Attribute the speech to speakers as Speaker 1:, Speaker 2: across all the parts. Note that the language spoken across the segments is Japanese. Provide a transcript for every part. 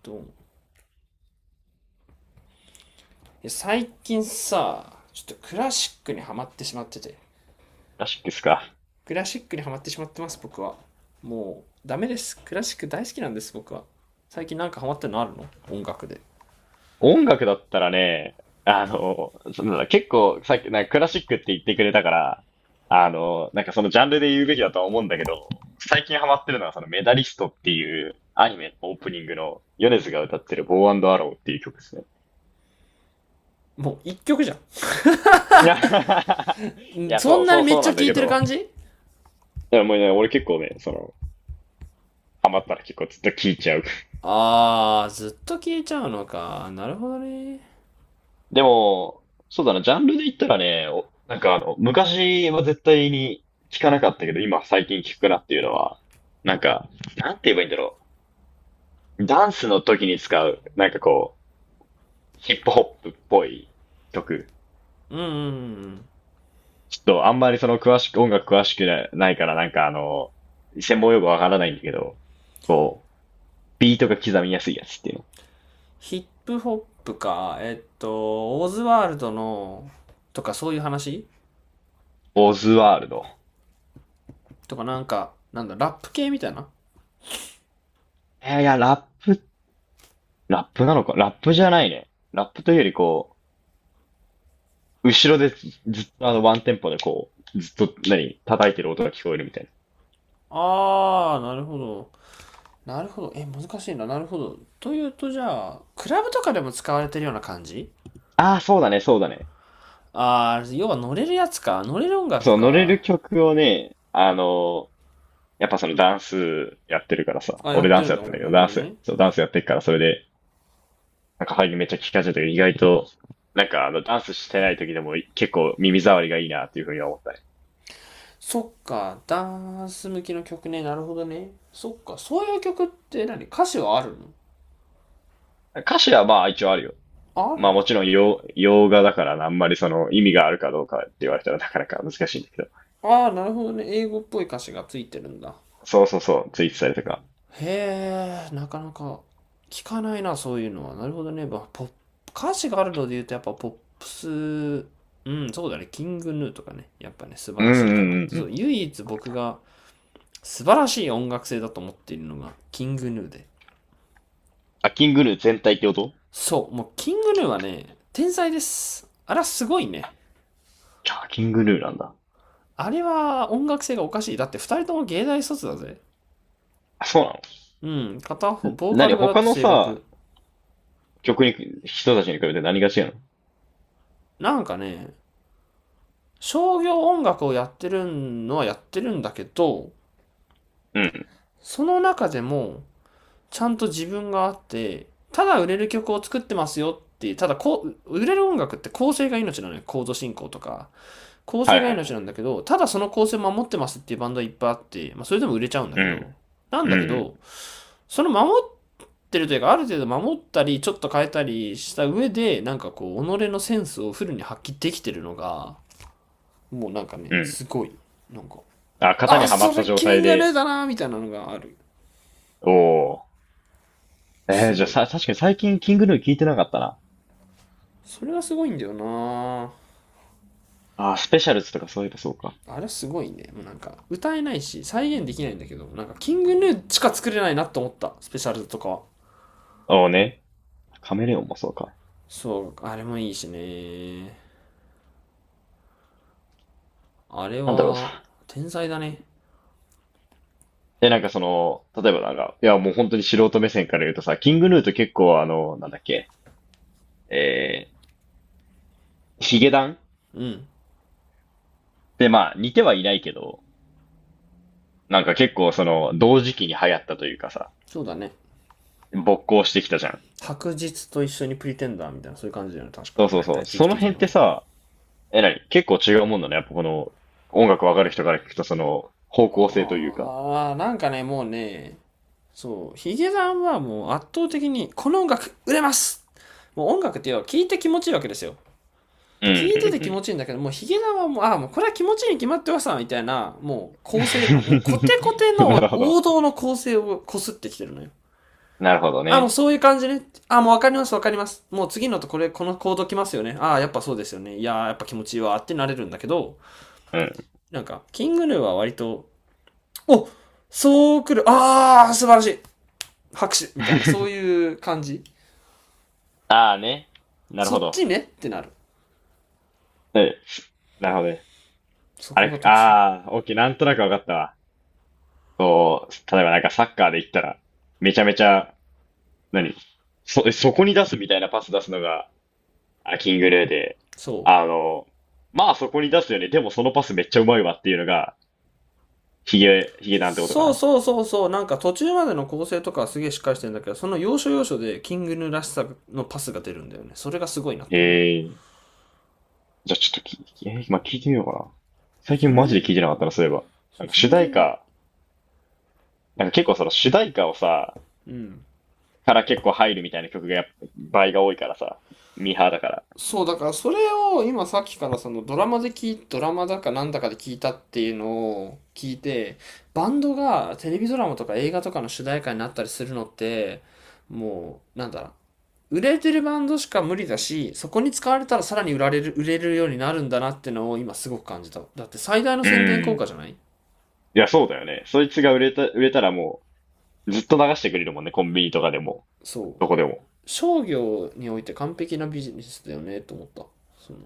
Speaker 1: どう思う？最近さ、ちょっとクラシックにはまってしまってて。
Speaker 2: クラシックっすか。
Speaker 1: クラシックにはまってしまってます、僕は。もうダメです、クラシック大好きなんです僕は。最近なんかハマってるのあるの？音楽で。
Speaker 2: 音楽だったらね、そなんだ、結構さっき、なんかクラシックって言ってくれたから、なんかそのジャンルで言うべきだとは思うんだけど、最近ハマってるのはそのメダリストっていうアニメのオープニングのヨネズが歌ってるボーアンドアローっていう曲ですね。
Speaker 1: もう一曲じゃ
Speaker 2: いや、い
Speaker 1: ん、
Speaker 2: や、
Speaker 1: そ
Speaker 2: そ
Speaker 1: ん
Speaker 2: う、
Speaker 1: な
Speaker 2: そ
Speaker 1: に
Speaker 2: う、
Speaker 1: めっ
Speaker 2: そう
Speaker 1: ち
Speaker 2: な
Speaker 1: ゃ
Speaker 2: ん
Speaker 1: 聴
Speaker 2: だ
Speaker 1: い
Speaker 2: け
Speaker 1: てる
Speaker 2: ど、
Speaker 1: 感じ？
Speaker 2: いや、もうね、俺結構ね、ハマったら結構ずっと聴いちゃう。
Speaker 1: あー、ずっと聴いちゃうのか、なるほどね。
Speaker 2: でも、そうだな、ジャンルで言ったらね、なんか、昔は絶対に聞かなかったけど、今最近聞くなっていうのは、なんか、なんて言えばいいんだろう。ダンスの時に使う、なんかこう、ヒップホップっぽい曲。
Speaker 1: うんうんうん。
Speaker 2: ちょっとあんまりその詳しく、音楽詳しくなないから、なんか、専門用語わからないんだけど、こう、ビートが刻みやすいやつっていうの。
Speaker 1: ヒップホップか、オーズワールドのとかそういう話？
Speaker 2: オズワールド。
Speaker 1: とかなんか、なんだラップ系みたいな。
Speaker 2: いや、ラップなのかラップじゃないね。ラップというよりこう、後ろでずっとワンテンポでこう、ずっと何、叩いてる音が聞こえるみたい
Speaker 1: あー、なるほど。なるほど。え、難しいな。なるほど。というと、じゃあ、クラブとかでも使われてるような感じ？
Speaker 2: な。ああ、そうだね、そうだね。
Speaker 1: ああ、要は乗れるやつか。乗れる音楽
Speaker 2: そう、乗れ
Speaker 1: か。
Speaker 2: る曲をね、やっぱそのダンスやってるからさ、
Speaker 1: あ、や
Speaker 2: 俺
Speaker 1: っ
Speaker 2: ダ
Speaker 1: て
Speaker 2: ン
Speaker 1: る
Speaker 2: ス
Speaker 1: ん
Speaker 2: やっ
Speaker 1: だ。
Speaker 2: てん
Speaker 1: お
Speaker 2: だ
Speaker 1: う、
Speaker 2: けど、
Speaker 1: なるほ
Speaker 2: ダン
Speaker 1: ど
Speaker 2: ス、
Speaker 1: ね。
Speaker 2: そう、ダンスやってるから、それで、なんか配慮めっちゃ聞かせゃるけど、意外と、なんか、ダンスしてない時でも結構耳障りがいいなっていうふうには思ったね。
Speaker 1: そっか。ダンス向きの曲ね。なるほどね。そっか。そういう曲って何、歌詞はあるの？
Speaker 2: 歌詞はまあ一応あるよ。
Speaker 1: あ、ある
Speaker 2: まあ
Speaker 1: ん
Speaker 2: も
Speaker 1: だ。
Speaker 2: ちろん洋画だからあんまりその意味があるかどうかって言われたらなかなか難しいんだけど。
Speaker 1: ああ、なるほどね。英語っぽい歌詞がついてるんだ。
Speaker 2: そうそうそう、ツイッタされたか。
Speaker 1: へえ、なかなか聞かないな、そういうのは。なるほどね。まあ、ポップ、歌詞があるので言うと、やっぱポップス、うん、そうだね。キングヌーとかね。やっぱね、素晴
Speaker 2: うん
Speaker 1: らしい
Speaker 2: う
Speaker 1: か
Speaker 2: ん
Speaker 1: なっ
Speaker 2: うん
Speaker 1: て。
Speaker 2: う
Speaker 1: そう、
Speaker 2: ん。
Speaker 1: 唯一僕が素晴らしい音楽性だと思っているのが、キングヌーで。
Speaker 2: あ、キングヌー全体ってこと？
Speaker 1: そう、もうキングヌーはね、天才です。あれはすごいね。
Speaker 2: あ、キングヌーなんだ。
Speaker 1: あれは音楽性がおかしい。だって二人とも芸大卒だぜ。
Speaker 2: あ、そうな
Speaker 1: うん、片方、
Speaker 2: の？ん、
Speaker 1: ボーカ
Speaker 2: 何
Speaker 1: ルがだっ
Speaker 2: 他
Speaker 1: て
Speaker 2: の
Speaker 1: 声
Speaker 2: さ、
Speaker 1: 楽。
Speaker 2: 曲に、人たちに比べて何が違うの？
Speaker 1: なんかね、商業音楽をやってるのはやってるんだけど、
Speaker 2: うん。
Speaker 1: その中でも、ちゃんと自分があって、ただ売れる曲を作ってますよっていう、ただこう、売れる音楽って構成が命なのよ。コード進行とか。構
Speaker 2: は
Speaker 1: 成
Speaker 2: いは
Speaker 1: が
Speaker 2: いは
Speaker 1: 命なんだ
Speaker 2: い。
Speaker 1: けど、ただその構成を守ってますっていうバンドはいっぱいあって、まあそれでも売れちゃうんだ
Speaker 2: う
Speaker 1: け
Speaker 2: ん。
Speaker 1: ど、なん
Speaker 2: う
Speaker 1: だけ
Speaker 2: ん。
Speaker 1: ど、その守ってるというか、ある程度守ったり、ちょっと変えたりした上で、なんかこう、己のセンスをフルに発揮できてるのが、もうなんか
Speaker 2: う
Speaker 1: ね、
Speaker 2: ん。
Speaker 1: すごい、なんか、
Speaker 2: あ、型に
Speaker 1: あ、
Speaker 2: はま
Speaker 1: そ
Speaker 2: った
Speaker 1: れ
Speaker 2: 状
Speaker 1: キン
Speaker 2: 態
Speaker 1: グヌー
Speaker 2: で。
Speaker 1: だなみたいなのがある。
Speaker 2: おお。
Speaker 1: す
Speaker 2: じゃあ
Speaker 1: ごい。
Speaker 2: さ、確かに最近キングヌー聞いてなかったな。
Speaker 1: それはすごいんだよな。
Speaker 2: あ、スペシャルズとかそういえばそうか。
Speaker 1: あれすごいね。もうなんか、歌えないし、再現できないんだけど、なんか、キングヌーしか作れないなと思った。スペシャルとかは。
Speaker 2: おおね。カメレオンもそうか。
Speaker 1: そう、あれもいいしね。あれ
Speaker 2: なんだろう
Speaker 1: は、
Speaker 2: さ。
Speaker 1: 天才だね。
Speaker 2: え、なんかその、例えばなんか、いやもう本当に素人目線から言うとさ、キングヌーと結構なんだっけ、えヒゲダンっ
Speaker 1: うん、
Speaker 2: てまあ似てはいないけど、なんか結構その、同時期に流行ったというかさ、
Speaker 1: そうだね。
Speaker 2: 勃興してきたじゃん。
Speaker 1: 白日と一緒にプリテンダーみたいな、そういう感じだよね。確か。
Speaker 2: そうそ
Speaker 1: だ
Speaker 2: う
Speaker 1: いた
Speaker 2: そ
Speaker 1: い
Speaker 2: う。
Speaker 1: 時期
Speaker 2: その
Speaker 1: 的に
Speaker 2: 辺っ
Speaker 1: は。
Speaker 2: てさ、え、なに結構違うもんだね。やっぱこの、音楽わかる人から聞くとその、方向性というか。
Speaker 1: ああ、なんかね、もうね、そう、ヒゲダンはもう圧倒的に、この音楽売れます、もう音楽っていうのは聞いて気持ちいいわけですよ。
Speaker 2: うん
Speaker 1: 聞いてて気
Speaker 2: う
Speaker 1: 持ちいいんだけど、もうヒゲダンはもう、ああ、もうこれは気持ちいいに決まってますみたいな、もう構成の、もう
Speaker 2: ん
Speaker 1: コテコテ
Speaker 2: うん。なる
Speaker 1: の
Speaker 2: ほど。
Speaker 1: 王道の構成をこすってきてるのよ。
Speaker 2: なるほど
Speaker 1: ああ、もう
Speaker 2: ね。
Speaker 1: そういう感じね。ああ、もうわかりますわかります。もう次のとこれ、このコード来ますよね。ああ、やっぱそうですよね。いやー、やっぱ気持ちいいわってなれるんだけど、
Speaker 2: うん。
Speaker 1: なんか、キングヌーは割と、お、そう来る、ああ、素晴らしい、拍手みたいな、そう いう感じ。
Speaker 2: ああね。なる
Speaker 1: そ
Speaker 2: ほ
Speaker 1: っ
Speaker 2: ど。
Speaker 1: ちねってなる。
Speaker 2: え、なるほどね。
Speaker 1: そ
Speaker 2: あ
Speaker 1: こが
Speaker 2: れ、
Speaker 1: 特殊。
Speaker 2: ああ、オッケー、OK なんとなくわかったわ。こう、例えばなんかサッカーで言ったら、めちゃめちゃ、何、そこに出すみたいなパス出すのが、あ、キングレーで、
Speaker 1: そう。
Speaker 2: あの、まあそこに出すよね。でもそのパスめっちゃうまいわっていうのが、ヒゲなんてことか
Speaker 1: そう
Speaker 2: な。
Speaker 1: そうそうそう。なんか途中までの構成とかはすげえしっかりしてるんだけど、その要所要所でキングヌーらしさのパスが出るんだよね。それがすごいなっ
Speaker 2: へ
Speaker 1: て思う。
Speaker 2: えー。じゃあちょっとき、えー、今聞いてみようかな。
Speaker 1: いや、
Speaker 2: 最近
Speaker 1: 全
Speaker 2: マジ
Speaker 1: 然、
Speaker 2: で聞いてなかったな、そういえば。なんか主
Speaker 1: 全
Speaker 2: 題
Speaker 1: 然いい。
Speaker 2: 歌、なんか結構その主題歌をさ、
Speaker 1: うん。
Speaker 2: から結構入るみたいな曲がやっぱ倍が多いからさ、ミーハーだから。
Speaker 1: そう、だからそれを今さっきからそのドラマで聞い、ドラマだかなんだかで聞いたっていうのを聞いて、バンドがテレビドラマとか映画とかの主題歌になったりするのって、もう、なんだ、売れてるバンドしか無理だし、そこに使われたらさらに売られる、売れるようになるんだなってのを今すごく感じた。だって最大の
Speaker 2: う
Speaker 1: 宣伝効
Speaker 2: ん。
Speaker 1: 果じ
Speaker 2: い
Speaker 1: ゃない？
Speaker 2: や、そうだよね。そいつが売れたらもう、ずっと流してくれるもんね、コンビニとかでも、
Speaker 1: そう。
Speaker 2: どこでも。
Speaker 1: 商業において完璧なビジネスだよねと思った。その、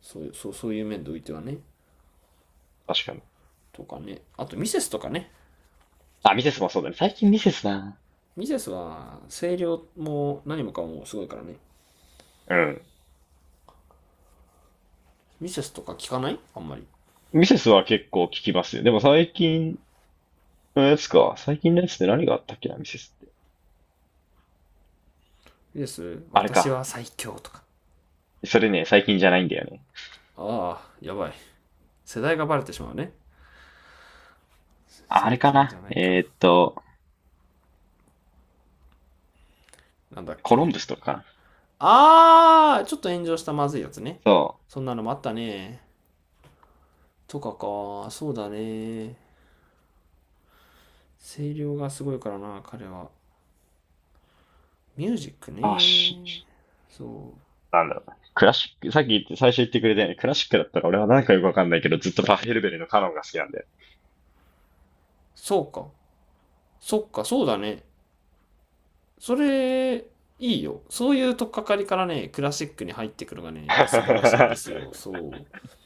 Speaker 1: そういう、そうそういう面でおいてはね。
Speaker 2: 確かに。
Speaker 1: とかね。あとミセスとかね。
Speaker 2: あ、ミセスもそうだね。最近ミセスな。
Speaker 1: ミセスは声量も何もかもすごいからね。
Speaker 2: うん。
Speaker 1: ミセスとか聞かないあんまり。
Speaker 2: ミセスは結構聞きますよ。でも最近のやつか。最近のやつって何があったっけな、ミセスって。
Speaker 1: ミセス、
Speaker 2: あれ
Speaker 1: 私は
Speaker 2: か。
Speaker 1: 最強とか。
Speaker 2: それね、最近じゃないんだよね。
Speaker 1: ああ、やばい。世代がバレてしまうね。
Speaker 2: ああ
Speaker 1: 最
Speaker 2: れか
Speaker 1: 近じゃ
Speaker 2: な。
Speaker 1: ないか。なんだっ
Speaker 2: コロンブ
Speaker 1: け。
Speaker 2: スとかかな。
Speaker 1: あー、ちょっと炎上したまずいやつね。
Speaker 2: そ
Speaker 1: そ
Speaker 2: う。
Speaker 1: んなのもあったね。とかか、そうだね。声量がすごいからな、彼は。ミュージック
Speaker 2: あ、
Speaker 1: ね。そう。
Speaker 2: なんだろうな。クラシック、さっき言って、最初言ってくれたよね。クラシックだったら俺はなんかよくわかんないけど、ずっとパヘルベルのカノンが好きなんで。
Speaker 1: そうか。そっか、そうだね。それ、いいよ。そういうとっかかりからね、クラシックに入ってくるのがね、やっぱ素晴らしいんですよ。そう。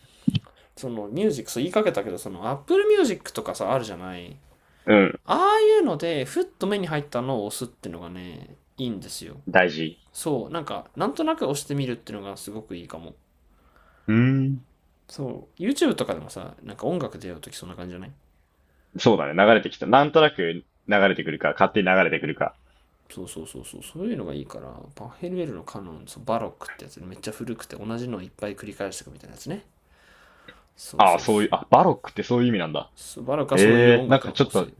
Speaker 1: そのミュージック、そう言いかけたけど、その Apple Music とかさ、あるじゃない？
Speaker 2: うん。
Speaker 1: ああいうので、ふっと目に入ったのを押すってのがね、いいんですよ。
Speaker 2: 大事。
Speaker 1: そう、なんか、なんとなく押してみるっていうのがすごくいいかも。
Speaker 2: うーん。
Speaker 1: そう、YouTube とかでもさ、なんか音楽出ようとき、そんな感じじゃない？
Speaker 2: そうだね。流れてきた。なんとなく流れてくるか、勝手に流れてくるか。
Speaker 1: そうそうそうそう、そういうのがいいから、パヘルエルのカノン、そうバロックってやつでめっちゃ古くて同じのをいっぱい繰り返していくみたいなやつね。そう
Speaker 2: ああ、
Speaker 1: そう
Speaker 2: そうい
Speaker 1: そ
Speaker 2: う、
Speaker 1: う。
Speaker 2: あ、バロックってそういう意味なんだ。
Speaker 1: そうバロックはそういう
Speaker 2: ええ、
Speaker 1: 音
Speaker 2: なん
Speaker 1: 楽
Speaker 2: か
Speaker 1: の
Speaker 2: ちょっ
Speaker 1: 構
Speaker 2: と
Speaker 1: 成。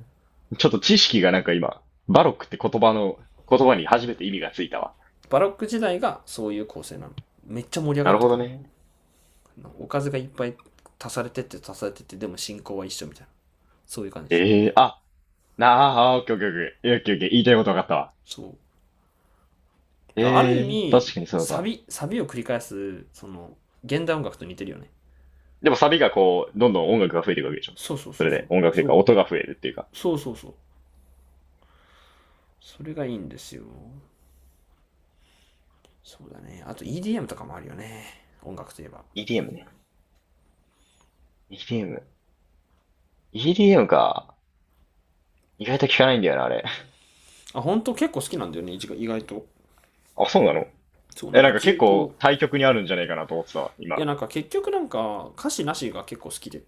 Speaker 2: ちょっと知識がなんか今、バロックって言葉に初めて意味がついたわ。
Speaker 1: バロック時代がそういう構成なの。めっちゃ盛り上
Speaker 2: な
Speaker 1: がっ
Speaker 2: る
Speaker 1: て
Speaker 2: ほ
Speaker 1: く
Speaker 2: ど
Speaker 1: の。
Speaker 2: ね。
Speaker 1: おかずがいっぱい足されてって足されてって、でも進行は一緒みたいな。そういう感じ。
Speaker 2: ええー、あ、なあ、あ、オッケーオッケーオッケー。オッケーオッケー。言いたいこと分かったわ。
Speaker 1: そう。
Speaker 2: え
Speaker 1: ある意
Speaker 2: えー、
Speaker 1: 味
Speaker 2: 確かにそう
Speaker 1: サ
Speaker 2: だ。
Speaker 1: ビサビを繰り返すその現代音楽と似てるよね。
Speaker 2: でもサビがこう、どんどん音楽が増えていくわけでしょ。
Speaker 1: そうそう
Speaker 2: そ
Speaker 1: そう
Speaker 2: れ
Speaker 1: そ
Speaker 2: で、
Speaker 1: う
Speaker 2: 音楽という
Speaker 1: そ
Speaker 2: か、
Speaker 1: う
Speaker 2: 音が増えるっていうか。
Speaker 1: そうそうそう。それがいいんですよ。そうだね、あと EDM とかもあるよね。音楽といえば。
Speaker 2: EDM ね。EDM。EDM か。意外と聞かないんだよな、あれ。
Speaker 1: あ、本当結構好きなんだよね、意外、意外と。
Speaker 2: あ、そうなの？
Speaker 1: そう、な
Speaker 2: え、
Speaker 1: ん
Speaker 2: な
Speaker 1: か
Speaker 2: んか結
Speaker 1: 重厚、
Speaker 2: 構対極にあるんじゃないかなと思ってたわ、
Speaker 1: いや、
Speaker 2: 今。
Speaker 1: なんか結局なんか歌詞なしが結構好きで、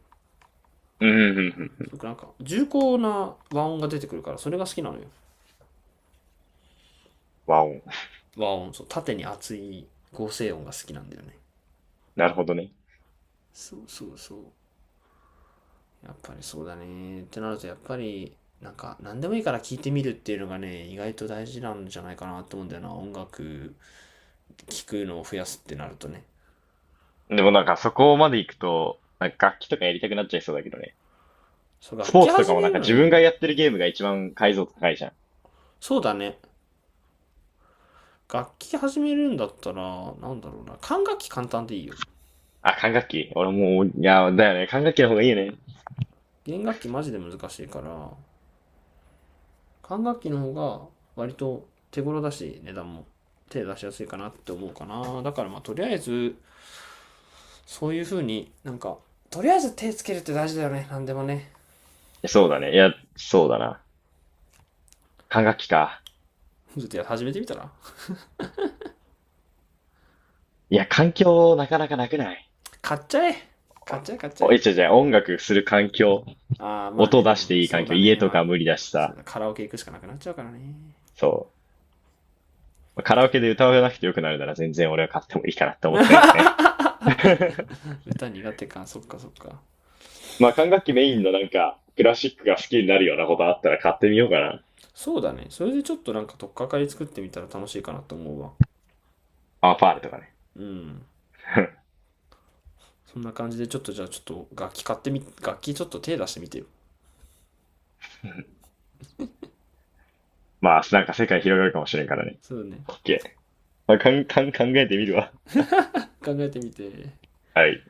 Speaker 2: うん、うん、うん、う
Speaker 1: す
Speaker 2: ん。
Speaker 1: ご、なんか重厚な和音が出てくるからそれが好きなのよ。
Speaker 2: わお。
Speaker 1: 和音、そう縦に厚い合成音が好きなんだよね。
Speaker 2: なるほどね。
Speaker 1: そうそうそう。やっぱりそうだね。ってなると、やっぱり、なんか、何でもいいから聞いてみるっていうのがね、意外と大事なんじゃないかなと思うんだよな。音楽、聴くのを増やすってなるとね。
Speaker 2: でもなんかそこまで行くと、なんか楽器とかやりたくなっちゃいそうだけどね。
Speaker 1: そう、
Speaker 2: ス
Speaker 1: 楽
Speaker 2: ポー
Speaker 1: 器
Speaker 2: ツと
Speaker 1: 始
Speaker 2: かも
Speaker 1: め
Speaker 2: なん
Speaker 1: る
Speaker 2: か
Speaker 1: の
Speaker 2: 自
Speaker 1: いい
Speaker 2: 分
Speaker 1: よ。
Speaker 2: がやってるゲームが一番解像度高いじゃん。
Speaker 1: そうだね。楽器始めるんだったら、なんだろうな。管楽器簡単でいいよ。
Speaker 2: あ、管楽器俺もう、いや、だよね。管楽器の方がいいよね。い
Speaker 1: 弦楽器マジで難しいから、管楽器の方が割と手頃だし、値段も手出しやすいかなって思うかな。だからまあ、とりあえず、そういう風になんか、とりあえず手つけるって大事だよね。何でもね。
Speaker 2: や、そうだね。いや、そうだな。管楽器か。
Speaker 1: ちょっとや始めてみたら？
Speaker 2: いや、環境なかなかなくない？
Speaker 1: 買っちゃえ買っちゃえ買っちゃ
Speaker 2: おえ、
Speaker 1: え。
Speaker 2: 違う違う、音楽する環境。
Speaker 1: ああまあ
Speaker 2: 音
Speaker 1: ね、で
Speaker 2: 出し
Speaker 1: も
Speaker 2: ていい
Speaker 1: そう
Speaker 2: 環境。
Speaker 1: だ
Speaker 2: 家
Speaker 1: ね、
Speaker 2: と
Speaker 1: まあ、
Speaker 2: か無理だし
Speaker 1: そう
Speaker 2: さ。
Speaker 1: だ、カラオケ行くしかなくなっちゃうからね。
Speaker 2: そう。カラオケで歌わなくてよくなるなら全然俺は買ってもいいかなって思ったけどね。
Speaker 1: 歌苦手か、そっかそっか。
Speaker 2: まあ管楽器メインのなんか、クラシックが好きになるようなことあったら買ってみようかな。
Speaker 1: そうだね、それでちょっとなんか取っかかり作ってみたら楽しいかなと思うわ。
Speaker 2: アンファールとかね。
Speaker 1: うん、 そんな感じで、ちょっとじゃあちょっと楽器買ってみ、楽器ちょっと手出してみてよ。
Speaker 2: まあ、なんか世界広がるかもしれんからね。
Speaker 1: そうね、
Speaker 2: OK。まあ、かんかん考えてみるわ。
Speaker 1: 考えてみて。
Speaker 2: はい。